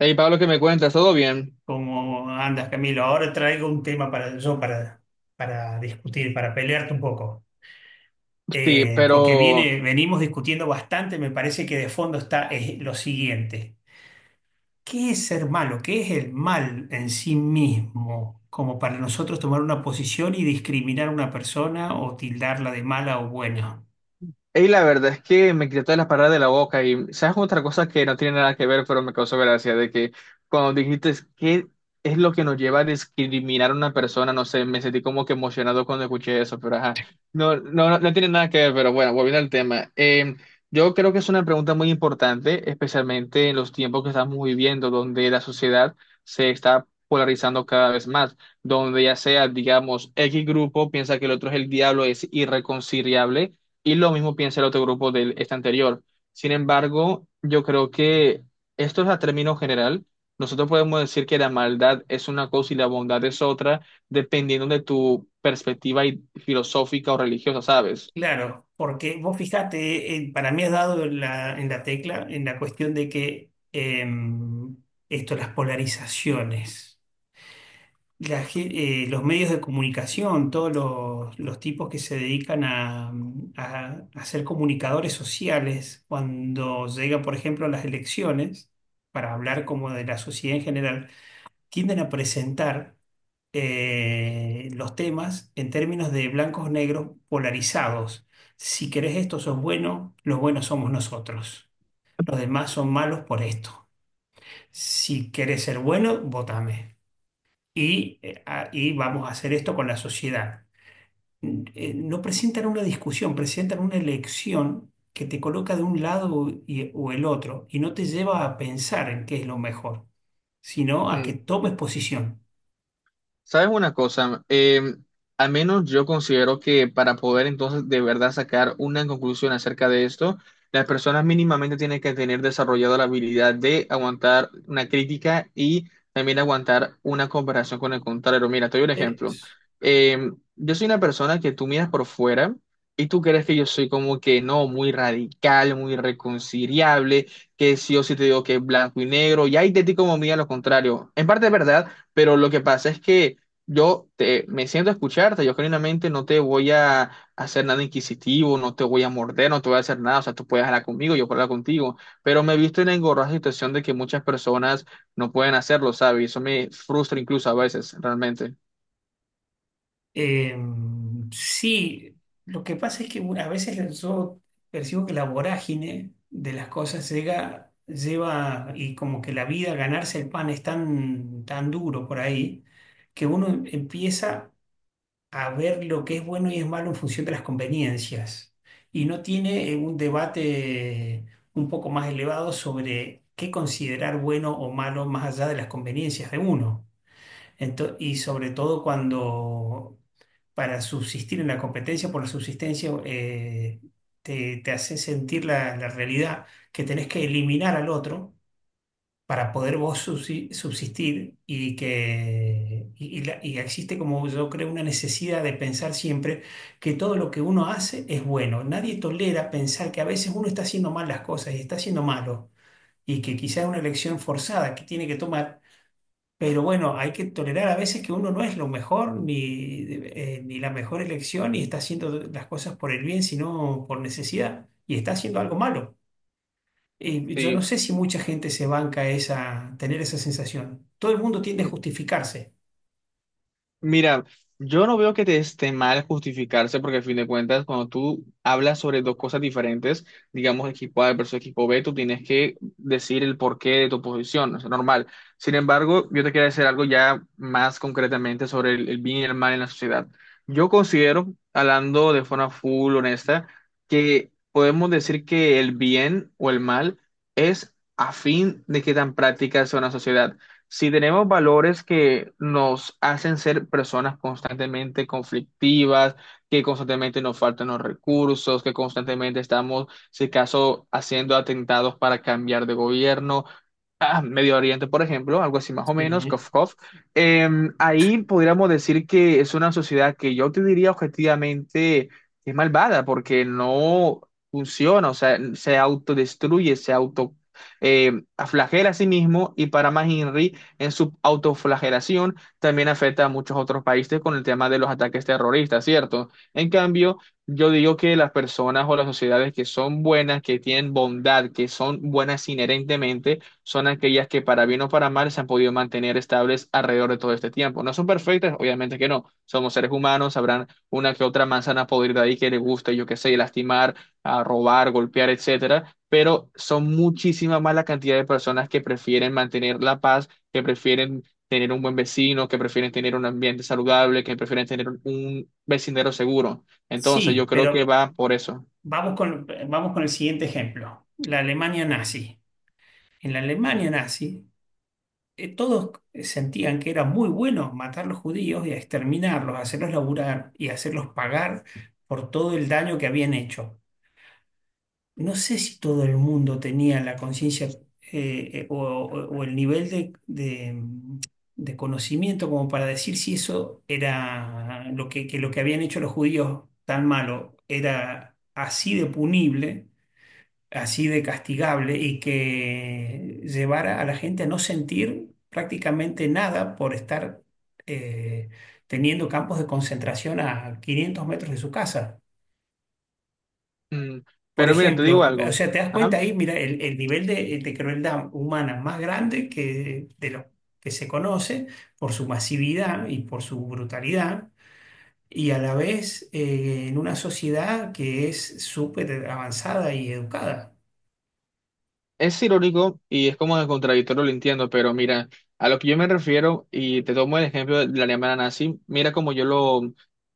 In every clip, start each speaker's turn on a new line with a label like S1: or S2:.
S1: Hey Pablo, ¿qué me cuentas? ¿Todo bien?
S2: ¿Cómo andas, Camilo? Ahora traigo un tema para discutir, para pelearte un poco.
S1: Sí,
S2: Eh, porque
S1: pero
S2: viene, venimos discutiendo bastante. Me parece que de fondo está lo siguiente. ¿Qué es ser malo? ¿Qué es el mal en sí mismo? Como para nosotros tomar una posición y discriminar a una persona o tildarla de mala o buena.
S1: y la verdad es que me quité todas las palabras de la boca. Y sabes otra cosa que no tiene nada que ver, pero me causó gracia, de que cuando dijiste qué es lo que nos lleva a discriminar a una persona, no sé, me sentí como que emocionado cuando escuché eso, pero ajá, no, no, no, no tiene nada que ver, pero bueno, volviendo al tema, yo creo que es una pregunta muy importante, especialmente en los tiempos que estamos viviendo, donde la sociedad se está polarizando cada vez más, donde ya sea, digamos, X grupo piensa que el otro es el diablo, es irreconciliable y lo mismo piensa el otro grupo del este anterior. Sin embargo, yo creo que esto es a término general. Nosotros podemos decir que la maldad es una cosa y la bondad es otra, dependiendo de tu perspectiva y filosófica o religiosa, ¿sabes?
S2: Claro, porque vos fijate, para mí has dado en la tecla, en la cuestión de que esto, las polarizaciones. La gen- los medios de comunicación, todos los tipos que se dedican a ser comunicadores sociales, cuando llegan, por ejemplo, a las elecciones, para hablar como de la sociedad en general, tienden a presentar los temas en términos de blancos negros polarizados. Si querés esto, sos bueno, los buenos somos nosotros. Los demás son malos por esto. Si querés ser bueno, votame y, y vamos a hacer esto con la sociedad. No presentan una discusión, presentan una elección que te coloca de un lado o el otro y no te lleva a pensar en qué es lo mejor, sino a que tomes posición.
S1: ¿Sabes una cosa? Al menos yo considero que para poder entonces de verdad sacar una conclusión acerca de esto, las personas mínimamente tienen que tener desarrollada la habilidad de aguantar una crítica y también aguantar una comparación con el contrario. Mira, te doy un ejemplo.
S2: Eso.
S1: Yo soy una persona que tú miras por fuera y tú crees que yo soy como que no, muy radical, muy reconciliable, que sí o sí te digo que es blanco y negro, y ahí de ti como mía lo contrario. En parte es verdad. Pero lo que pasa es que yo te, me siento a escucharte, yo genuinamente no te voy a hacer nada inquisitivo, no te voy a morder, no te voy a hacer nada, o sea, tú puedes hablar conmigo, yo puedo hablar contigo, pero me he visto en la engorrosa situación de que muchas personas no pueden hacerlo, ¿sabes? Y eso me frustra incluso a veces, realmente.
S2: Eh, sí, lo que pasa es que bueno, a veces yo percibo que la vorágine de las cosas llega, lleva, y como que la vida, ganarse el pan es tan duro por ahí, que uno empieza a ver lo que es bueno y es malo en función de las conveniencias. Y no tiene un debate un poco más elevado sobre qué considerar bueno o malo más allá de las conveniencias de uno. Y sobre todo cuando para subsistir en la competencia por la subsistencia te hace sentir la realidad que tenés que eliminar al otro para poder vos subsistir. Y que y la- Y existe, como yo creo, una necesidad de pensar siempre que todo lo que uno hace es bueno. Nadie tolera pensar que a veces uno está haciendo mal las cosas y está haciendo malo, y que quizás es una elección forzada que tiene que tomar. Pero bueno, hay que tolerar a veces que uno no es lo mejor ni, ni la mejor elección, y está haciendo las cosas por el bien, sino por necesidad, y está haciendo algo malo. Y yo no
S1: Sí.
S2: sé si mucha gente se banca esa, tener esa sensación. Todo el mundo tiende a justificarse.
S1: Mira, yo no veo que te esté mal justificarse porque a fin de cuentas, cuando tú hablas sobre dos cosas diferentes, digamos equipo A versus equipo B, tú tienes que decir el porqué de tu posición, es normal. Sin embargo, yo te quiero decir algo ya más concretamente sobre el bien y el mal en la sociedad. Yo considero, hablando de forma full honesta, que podemos decir que el bien o el mal es a fin de qué tan práctica sea una sociedad. Si tenemos valores que nos hacen ser personas constantemente conflictivas, que constantemente nos faltan los recursos, que constantemente estamos, si acaso, haciendo atentados para cambiar de gobierno, ah, Medio Oriente, por ejemplo, algo así más o menos,
S2: Sí.
S1: cof, cof. Ahí podríamos decir que es una sociedad que yo te diría objetivamente es malvada porque no funciona, o sea, se autodestruye, se auto flagela a sí mismo y para más Henry, en su autoflagelación también afecta a muchos otros países con el tema de los ataques terroristas, ¿cierto? En cambio, yo digo que las personas o las sociedades que son buenas, que tienen bondad, que son buenas inherentemente, son aquellas que para bien o para mal se han podido mantener estables alrededor de todo este tiempo. No son perfectas, obviamente que no. Somos seres humanos, habrán una que otra manzana podrida ahí que le guste, yo qué sé, lastimar, a robar, golpear, etcétera. Pero son muchísima más la cantidad de personas que prefieren mantener la paz, que prefieren tener un buen vecino, que prefieren tener un ambiente saludable, que prefieren tener un vecindario seguro. Entonces, yo
S2: Sí,
S1: creo que
S2: pero
S1: va por eso.
S2: vamos con el siguiente ejemplo: la Alemania nazi. En la Alemania nazi, todos sentían que era muy bueno matar a los judíos y a exterminarlos, hacerlos laburar y hacerlos pagar por todo el daño que habían hecho. No sé si todo el mundo tenía la conciencia o el nivel de, de conocimiento como para decir si eso era lo que lo que habían hecho los judíos tan malo era así de punible, así de castigable, y que llevara a la gente a no sentir prácticamente nada por estar eh, teniendo campos de concentración a 500 metros de su casa.
S1: Mm.
S2: Por
S1: Pero mira, te digo
S2: ejemplo, o
S1: algo.
S2: sea, te das cuenta
S1: Ajá.
S2: ahí, mira, el nivel de crueldad humana más grande que, de lo que se conoce por su masividad y por su brutalidad, y a la vez en una sociedad que es súper avanzada y educada.
S1: Es irónico y es como de contradictorio, lo entiendo, pero mira, a lo que yo me refiero, y te tomo el ejemplo de la Alemania nazi, mira cómo yo lo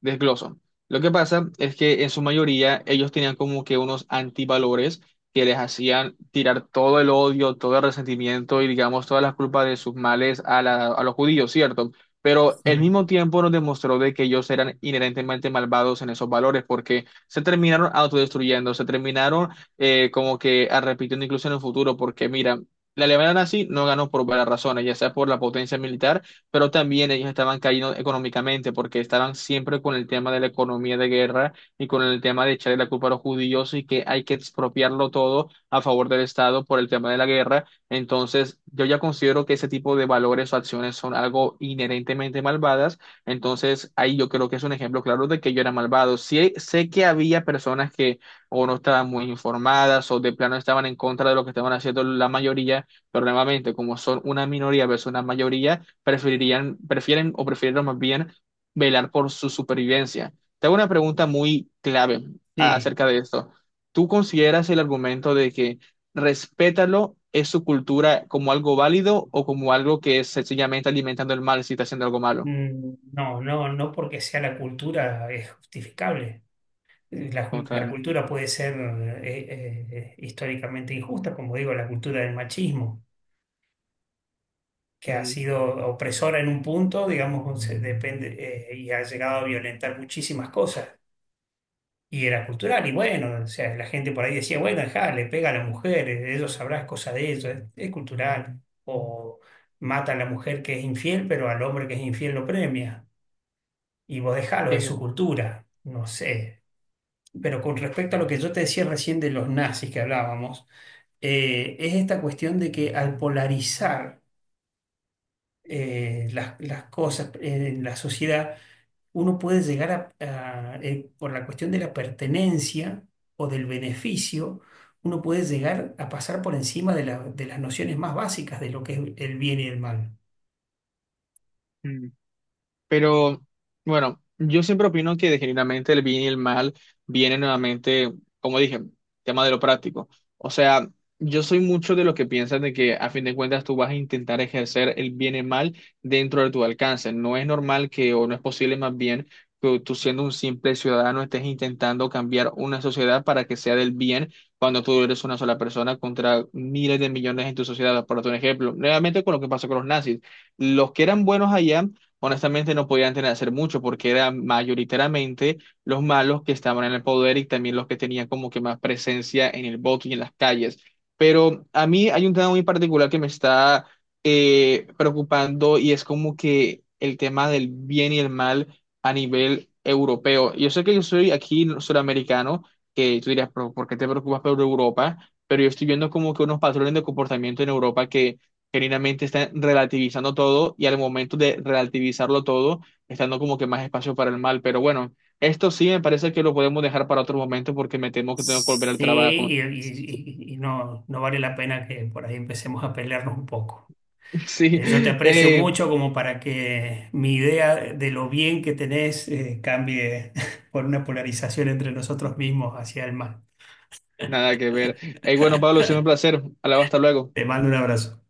S1: desgloso. Lo que pasa es que en su mayoría ellos tenían como que unos antivalores que les hacían tirar todo el odio, todo el resentimiento y digamos todas las culpas de sus males a, a los judíos, ¿cierto? Pero al
S2: Sí.
S1: mismo tiempo nos demostró de que ellos eran inherentemente malvados en esos valores porque se terminaron autodestruyendo, se terminaron como que a repitiendo incluso en el futuro, porque mira, la Alemania nazi no ganó por varias razones, ya sea por la potencia militar, pero también ellos estaban cayendo económicamente, porque estaban siempre con el tema de la economía de guerra y con el tema de echarle la culpa a los judíos y que hay que expropiarlo todo a favor del Estado por el tema de la guerra. Entonces, yo ya considero que ese tipo de valores o acciones son algo inherentemente malvadas. Entonces, ahí yo creo que es un ejemplo claro de que yo era malvado. Sí, sé que había personas que o no estaban muy informadas o de plano estaban en contra de lo que estaban haciendo la mayoría, pero nuevamente, como son una minoría versus una mayoría, preferirían, prefieren o prefirieron más bien velar por su supervivencia. Te hago una pregunta muy clave
S2: Sí,
S1: acerca de esto. ¿Tú consideras el argumento de que respétalo es su cultura como algo válido o como algo que es sencillamente alimentando el mal si está haciendo algo malo?
S2: no, no, no porque sea la cultura es justificable. La
S1: Total.
S2: cultura puede ser históricamente injusta. Como digo, la cultura del machismo, que ha
S1: Mm,
S2: sido opresora en un punto, digamos, se depende, y ha llegado a violentar muchísimas cosas. Y era cultural, y bueno, o sea, la gente por ahí decía, bueno, dejá, le pega a la mujer, ellos sabrán cosas de ellos, es cultural. O mata a la mujer que es infiel, pero al hombre que es infiel lo premia. Y vos dejalo, es
S1: sí,
S2: su cultura, no sé. Pero con respecto a lo que yo te decía recién de los nazis que hablábamos, es esta cuestión de que al polarizar, las cosas en la sociedad, uno puede llegar por la cuestión de la pertenencia o del beneficio, uno puede llegar a pasar por encima de, de las nociones más básicas de lo que es el bien y el mal.
S1: mm. Pero bueno, yo siempre opino que genuinamente el bien y el mal vienen nuevamente, como dije, tema de lo práctico. O sea, yo soy mucho de los que piensan de que a fin de cuentas tú vas a intentar ejercer el bien y el mal dentro de tu alcance. No es normal que, o no es posible más bien, que tú siendo un simple ciudadano estés intentando cambiar una sociedad para que sea del bien cuando tú eres una sola persona contra miles de millones en tu sociedad. Por otro ejemplo, nuevamente con lo que pasó con los nazis. Los que eran buenos allá honestamente no podían tener, hacer mucho porque eran mayoritariamente los malos que estaban en el poder y también los que tenían como que más presencia en el voto y en las calles. Pero a mí hay un tema muy particular que me está preocupando y es como que el tema del bien y el mal a nivel europeo. Yo sé que yo soy aquí suramericano, que tú dirías "Pero, ¿por qué te preocupas por Europa? Pero yo estoy viendo como que unos patrones de comportamiento en Europa que genuinamente están relativizando todo y al momento de relativizarlo todo, están dando como que más espacio para el mal. Pero bueno, esto sí me parece que lo podemos dejar para otro momento porque me temo que tengo que volver al
S2: Sí,
S1: trabajo.
S2: y, y- y- y no, no vale la pena que por ahí empecemos a pelearnos un poco.
S1: Sí,
S2: Yo te aprecio
S1: eh,
S2: mucho como para que mi idea de lo bien que tenés cambie por una polarización entre nosotros mismos hacia el mal.
S1: nada que ver. Bueno, Pablo, ha sido un placer. Hablaba hasta luego.
S2: Te mando un abrazo.